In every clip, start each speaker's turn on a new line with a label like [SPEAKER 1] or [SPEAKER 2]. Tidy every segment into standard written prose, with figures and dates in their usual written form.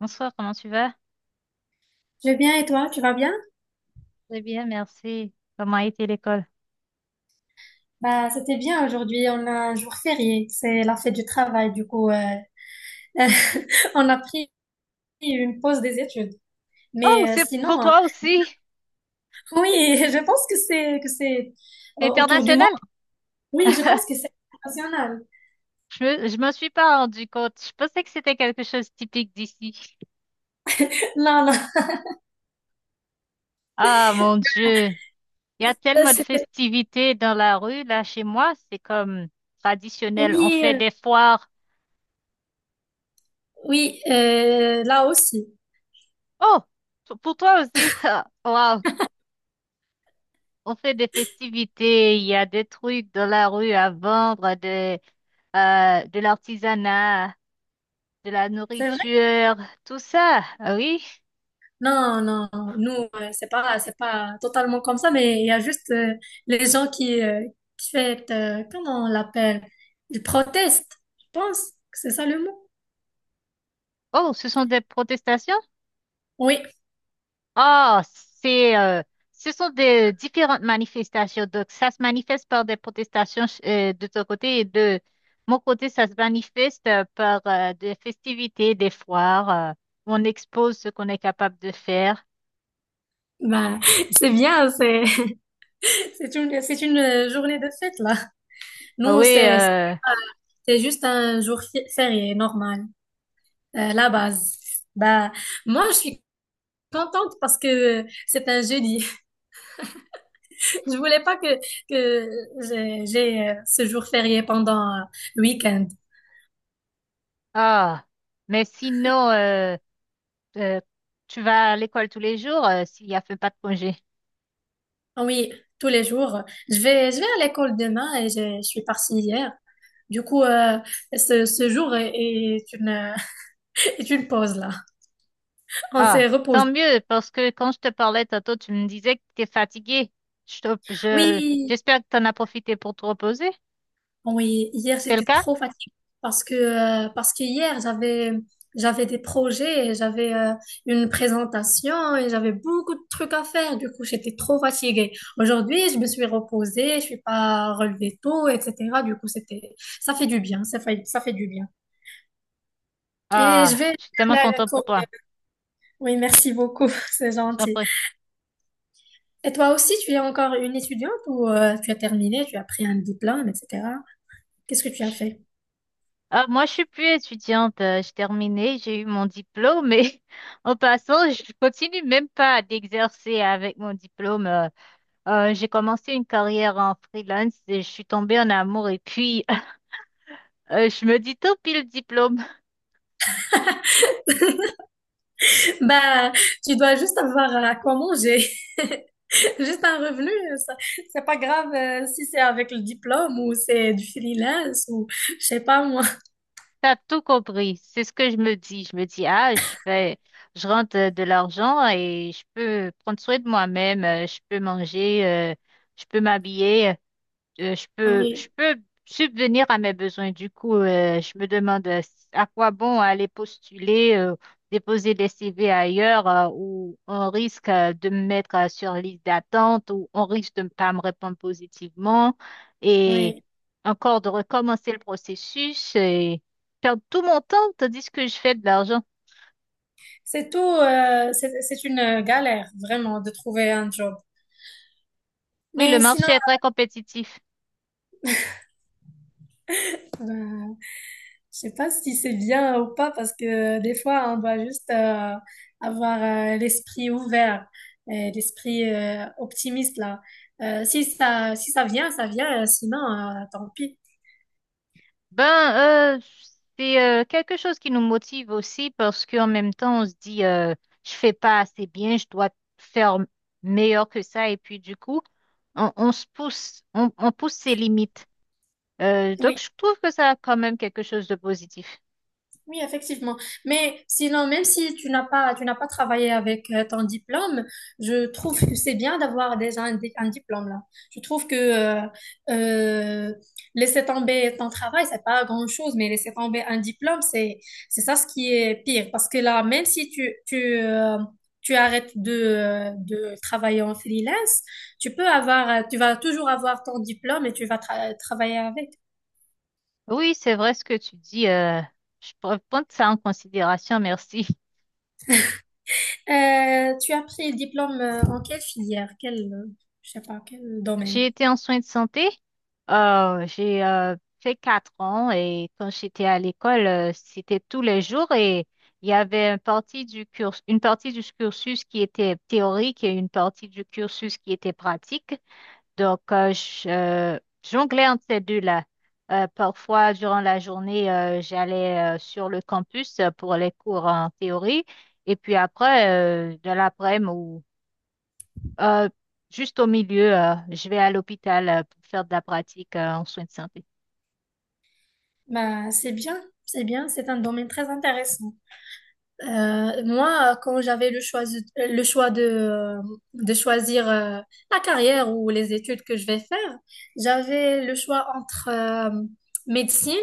[SPEAKER 1] Bonsoir, comment tu vas?
[SPEAKER 2] Je vais bien et toi, tu vas bien?
[SPEAKER 1] Très bien, merci. Comment a été l'école?
[SPEAKER 2] Bah, c'était bien aujourd'hui, on a un jour férié, c'est la fête du travail, du coup, on a pris une pause des études.
[SPEAKER 1] Oh,
[SPEAKER 2] Mais
[SPEAKER 1] c'est pour
[SPEAKER 2] sinon,
[SPEAKER 1] toi aussi.
[SPEAKER 2] oui, je pense que c'est
[SPEAKER 1] C'est
[SPEAKER 2] autour du monde.
[SPEAKER 1] international.
[SPEAKER 2] Oui, je pense que c'est international.
[SPEAKER 1] Je me suis pas rendu compte. Je pensais que c'était quelque chose de typique d'ici.
[SPEAKER 2] Là, là,
[SPEAKER 1] Ah, mon Dieu. Il y a
[SPEAKER 2] euh,
[SPEAKER 1] tellement de
[SPEAKER 2] c'était-
[SPEAKER 1] festivités dans la rue, là, chez moi. C'est comme traditionnel. On
[SPEAKER 2] oui,
[SPEAKER 1] fait des foires.
[SPEAKER 2] oui, là aussi.
[SPEAKER 1] Oh, pour toi aussi. Ah, wow. On fait des festivités. Il y a des trucs dans la rue à vendre, de l'artisanat, de la
[SPEAKER 2] C'est vrai.
[SPEAKER 1] nourriture, tout ça. Ah oui.
[SPEAKER 2] Non, non, nous, c'est pas totalement comme ça, mais il y a juste les gens qui fait, comment on l'appelle? Ils protestent, je pense que c'est ça le mot.
[SPEAKER 1] Oh, ce sont des protestations?
[SPEAKER 2] Oui,
[SPEAKER 1] Oh, c'est, euh, ce sont des différentes manifestations. Donc, ça se manifeste par des protestations de ton côté et de mon côté, ça se manifeste par des festivités, des foires, où on expose ce qu'on est capable de faire.
[SPEAKER 2] bah c'est bien, c'est une journée de fête, là.
[SPEAKER 1] Ah
[SPEAKER 2] Nous,
[SPEAKER 1] oui.
[SPEAKER 2] c'est pas- c'est juste un jour férié, normal, la base. Bah moi, je suis contente parce que c'est un jeudi. Je voulais pas que ce jour férié pendant le week-end.
[SPEAKER 1] Ah, mais sinon, euh, tu vas à l'école tous les jours, s'il y a fait pas de congé.
[SPEAKER 2] Ah, oui, tous les jours. Je vais à l'école demain et je suis partie hier. Du coup, ce jour est est une pause là. On s'est
[SPEAKER 1] Ah, tant
[SPEAKER 2] reposé.
[SPEAKER 1] mieux, parce que quand je te parlais tantôt, tu me disais que tu étais fatigué. Je, te- je-
[SPEAKER 2] Oui.
[SPEAKER 1] J'espère que tu en as profité pour te reposer.
[SPEAKER 2] Oui, hier
[SPEAKER 1] C'est le
[SPEAKER 2] j'étais
[SPEAKER 1] cas?
[SPEAKER 2] trop fatiguée parce que hier j'avais des projets, et j'avais une présentation et j'avais beaucoup de trucs à faire. Du coup, j'étais trop fatiguée. Aujourd'hui, je me suis reposée, je suis pas relevée tôt, etc. Du coup, c'était ça fait du bien, ça fait du bien. Et je
[SPEAKER 1] Ah,
[SPEAKER 2] vais
[SPEAKER 1] je suis tellement
[SPEAKER 2] la-
[SPEAKER 1] contente pour toi.
[SPEAKER 2] Oui, merci beaucoup, c'est
[SPEAKER 1] Je t'en
[SPEAKER 2] gentil.
[SPEAKER 1] prie.
[SPEAKER 2] Et toi aussi, tu es encore une étudiante ou tu as terminé, tu as pris un diplôme, etc. Qu'est-ce que tu as fait?
[SPEAKER 1] Ah, moi, je suis plus étudiante. J'ai terminé, j'ai eu mon diplôme, mais en passant, je continue même pas d'exercer avec mon diplôme. J'ai commencé une carrière en freelance et je suis tombée en amour. Et puis, je me dis, tant pis le diplôme.
[SPEAKER 2] Bah, tu dois juste avoir à quoi manger. Juste un revenu, ça, c'est pas grave si c'est avec le diplôme ou c'est du freelance ou je sais pas moi.
[SPEAKER 1] T'as tout compris. C'est ce que je me dis. Je rentre de l'argent et je peux prendre soin de moi-même. Je peux manger, je peux m'habiller. Je
[SPEAKER 2] Oui,
[SPEAKER 1] peux subvenir à mes besoins. Du coup, je me demande à quoi bon aller postuler, déposer des CV ailleurs où on risque de me mettre sur liste d'attente, où on risque de ne pas me répondre positivement et
[SPEAKER 2] oui.
[SPEAKER 1] encore de recommencer le processus et perdre tout mon temps tandis que je fais de l'argent.
[SPEAKER 2] C'est tout, c'est une galère vraiment de trouver un job.
[SPEAKER 1] Oui, le
[SPEAKER 2] Mais sinon,
[SPEAKER 1] marché est très compétitif.
[SPEAKER 2] ben, je sais pas si c'est bien ou pas parce que des fois, on doit juste avoir l'esprit ouvert, et l'esprit optimiste là. Si ça vient, ça vient, sinon, tant pis.
[SPEAKER 1] Ben, euh, c'est quelque chose qui nous motive aussi parce qu'en même temps, on se dit, je fais pas assez bien, je dois faire meilleur que ça. Et puis, du coup, on se pousse, on pousse ses limites. Donc,
[SPEAKER 2] Oui.
[SPEAKER 1] je trouve que ça a quand même quelque chose de positif.
[SPEAKER 2] Oui, effectivement. Mais sinon, même si tu n'as pas travaillé avec ton diplôme, je trouve que c'est bien d'avoir déjà un diplôme là. Je trouve que euh, laisser tomber ton travail, c'est pas grand-chose, mais laisser tomber un diplôme, c'est ça ce qui est pire. Parce que là, même si tu arrêtes de travailler en freelance, tu vas toujours avoir ton diplôme et tu vas travailler avec.
[SPEAKER 1] Oui, c'est vrai ce que tu dis. Je pourrais prendre ça en considération, merci.
[SPEAKER 2] Tu as pris le diplôme en quelle filière? Je sais pas, quel domaine?
[SPEAKER 1] J'ai été en soins de santé. J'ai Fait quatre ans et quand j'étais à l'école, c'était tous les jours et il y avait une partie du cursus qui était théorique et une partie du cursus qui était pratique. Donc, je jonglais entre ces deux-là. Parfois, durant la journée, j'allais sur le campus pour les cours en théorie et puis après, de l'après-midi ou euh, juste au milieu, je vais à l'hôpital pour faire de la pratique en soins de santé.
[SPEAKER 2] Bah, c'est bien, c'est bien, c'est un domaine très intéressant. Moi, quand j'avais le choix de choisir la carrière ou les études que je vais faire, j'avais le choix entre médecine,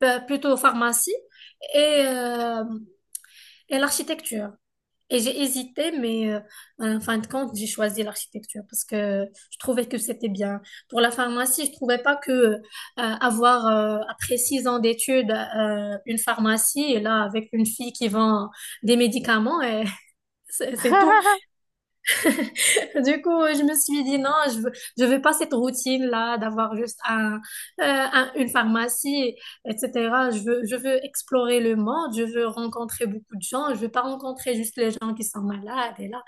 [SPEAKER 2] plutôt pharmacie, et, euh, et l'architecture. Et j'ai hésité, mais en fin de compte, j'ai choisi l'architecture parce que je trouvais que c'était bien. Pour la pharmacie, je trouvais pas que avoir après 6 ans d'études une pharmacie et là avec une fille qui vend des médicaments et c'est tout. Du coup, je me suis dit non, je veux pas cette routine-là d'avoir juste une pharmacie, etc. Je veux explorer le monde, je veux rencontrer beaucoup de gens, je veux pas rencontrer juste les gens qui sont malades et là.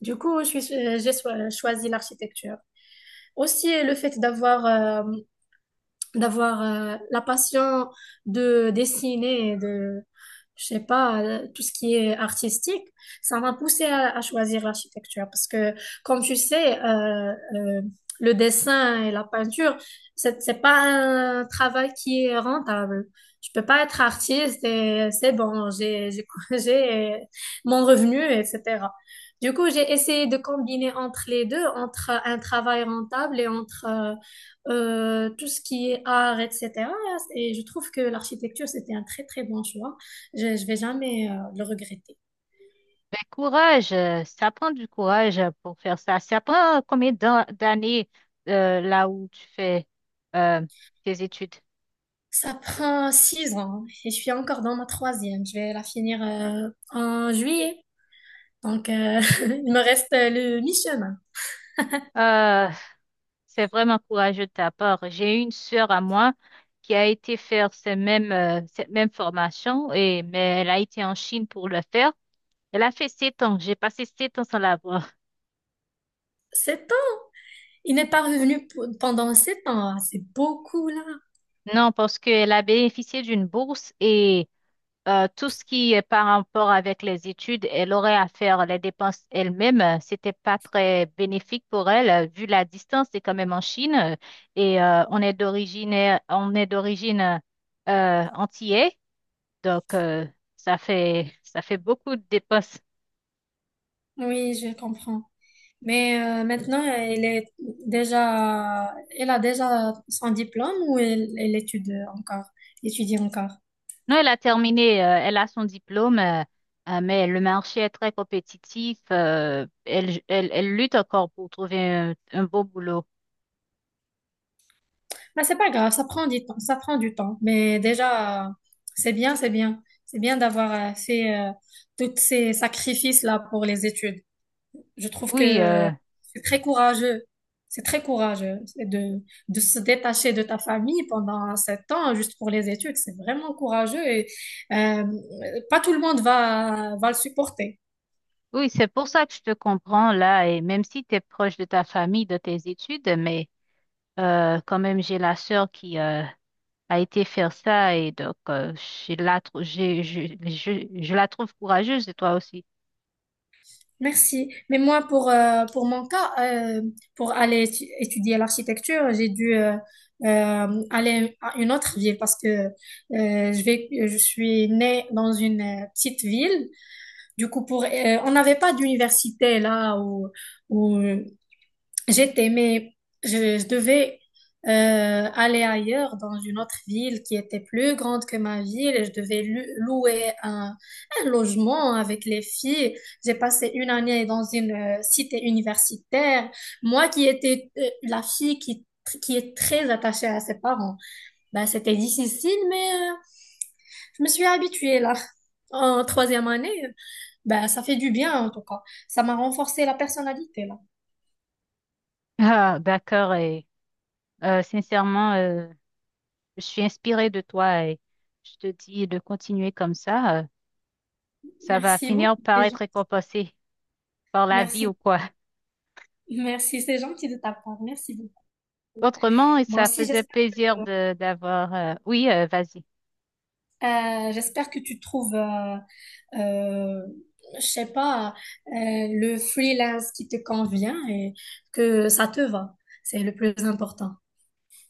[SPEAKER 2] Du coup, je suis- j'ai so- choisi l'architecture. Aussi, le fait euh, d'avoir la passion de dessiner, de, je sais pas, tout ce qui est artistique, ça m'a poussé à choisir l'architecture parce que, comme tu sais, le dessin et la peinture, c'est pas un travail qui est rentable. Je peux pas être artiste et c'est bon, j'ai mon revenu, etc. Du coup, j'ai essayé de combiner entre les deux, entre un travail rentable et entre tout ce qui est art, etc. Et je trouve que l'architecture, c'était un très, très bon choix. Je vais jamais le regretter.
[SPEAKER 1] Ben, courage, ça prend du courage pour faire ça. Ça prend combien d'années là où tu fais euh, tes études?
[SPEAKER 2] Ça prend 6 ans hein, et je suis encore dans ma troisième. Je vais la finir en juillet. Donc, il me reste le mi-chemin.
[SPEAKER 1] Euh, c'est vraiment courageux de ta part. J'ai une sœur à moi qui a été faire cette même formation, et, mais elle a été en Chine pour le faire. Elle a fait sept ans. J'ai passé sept ans sans la voir.
[SPEAKER 2] 7 ans? Il n'est pas revenu pendant 7 ans. Ah, c'est beaucoup, là.
[SPEAKER 1] Non, parce qu'elle a bénéficié d'une bourse. Et tout ce qui est par rapport avec les études, elle aurait à faire les dépenses elle-même. C'était pas très bénéfique pour elle, vu la distance, c'est quand même en Chine, et on est d'origine, on est d'origine, antillais, donc ça fait beaucoup de dépenses.
[SPEAKER 2] Oui, je comprends. Mais maintenant, elle a déjà son diplôme ou elle étudie encore, étudie encore?
[SPEAKER 1] Non, elle a terminé, elle a son diplôme, mais le marché est très compétitif. Elle lutte encore pour trouver un beau boulot.
[SPEAKER 2] Mais c'est pas grave, ça prend du temps, ça prend du temps. Mais déjà, c'est bien, c'est bien. C'est bien d'avoir fait tous ces sacrifices-là pour les études. Je trouve
[SPEAKER 1] Oui.
[SPEAKER 2] que c'est très courageux. C'est très courageux. C'est de se détacher de ta famille pendant 7 ans juste pour les études. C'est vraiment courageux et euh, pas tout le monde va le supporter.
[SPEAKER 1] Oui, c'est pour ça que je te comprends là, et même si tu es proche de ta famille, de tes études, mais quand même, j'ai la sœur qui a été faire ça, et donc je la, trou- j'ai- je la trouve courageuse, et toi aussi.
[SPEAKER 2] Merci. Mais moi, pour mon cas, pour aller étudier l'architecture, j'ai dû aller à une autre ville parce que je suis née dans une petite ville. Du coup, on n'avait pas d'université là où j'étais, mais je devais euh, aller ailleurs dans une autre ville qui était plus grande que ma ville et je devais louer un logement avec les filles. J'ai passé une année dans une cité universitaire. Moi qui étais la fille qui est très attachée à ses parents, bah, c'était difficile, mais je me suis habituée là. En troisième année, bah, ça fait du bien en tout cas. Ça m'a renforcé la personnalité là.
[SPEAKER 1] Ah, d'accord, et sincèrement, je suis inspirée de toi, et je te dis de continuer comme ça, ça va
[SPEAKER 2] Merci
[SPEAKER 1] finir
[SPEAKER 2] beaucoup.
[SPEAKER 1] par être récompensé par la vie ou
[SPEAKER 2] Merci.
[SPEAKER 1] quoi.
[SPEAKER 2] Merci, c'est gentil de ta part. Merci beaucoup.
[SPEAKER 1] Autrement,
[SPEAKER 2] Moi
[SPEAKER 1] ça
[SPEAKER 2] aussi,
[SPEAKER 1] faisait plaisir
[SPEAKER 2] que,
[SPEAKER 1] de d'avoir... Oui, vas-y.
[SPEAKER 2] j'espère que tu trouves, euh, je sais pas, le freelance qui te convient et que ça te va. C'est le plus important.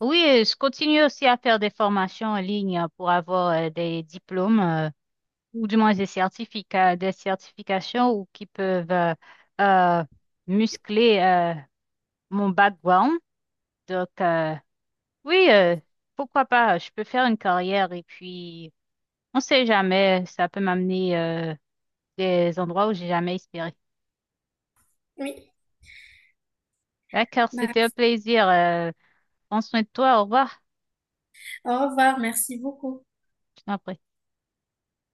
[SPEAKER 1] Oui, je continue aussi à faire des formations en ligne pour avoir des diplômes, ou du moins des certificats, des certifications ou qui peuvent euh, muscler mon background. Donc, oui, pourquoi pas, je peux faire une carrière et puis on sait jamais, ça peut m'amener des endroits où j'ai jamais espéré.
[SPEAKER 2] Oui.
[SPEAKER 1] D'accord,
[SPEAKER 2] Bah,
[SPEAKER 1] c'était un plaisir. Prends soin de toi, au revoir.
[SPEAKER 2] au revoir. Merci beaucoup.
[SPEAKER 1] Je t'en prie.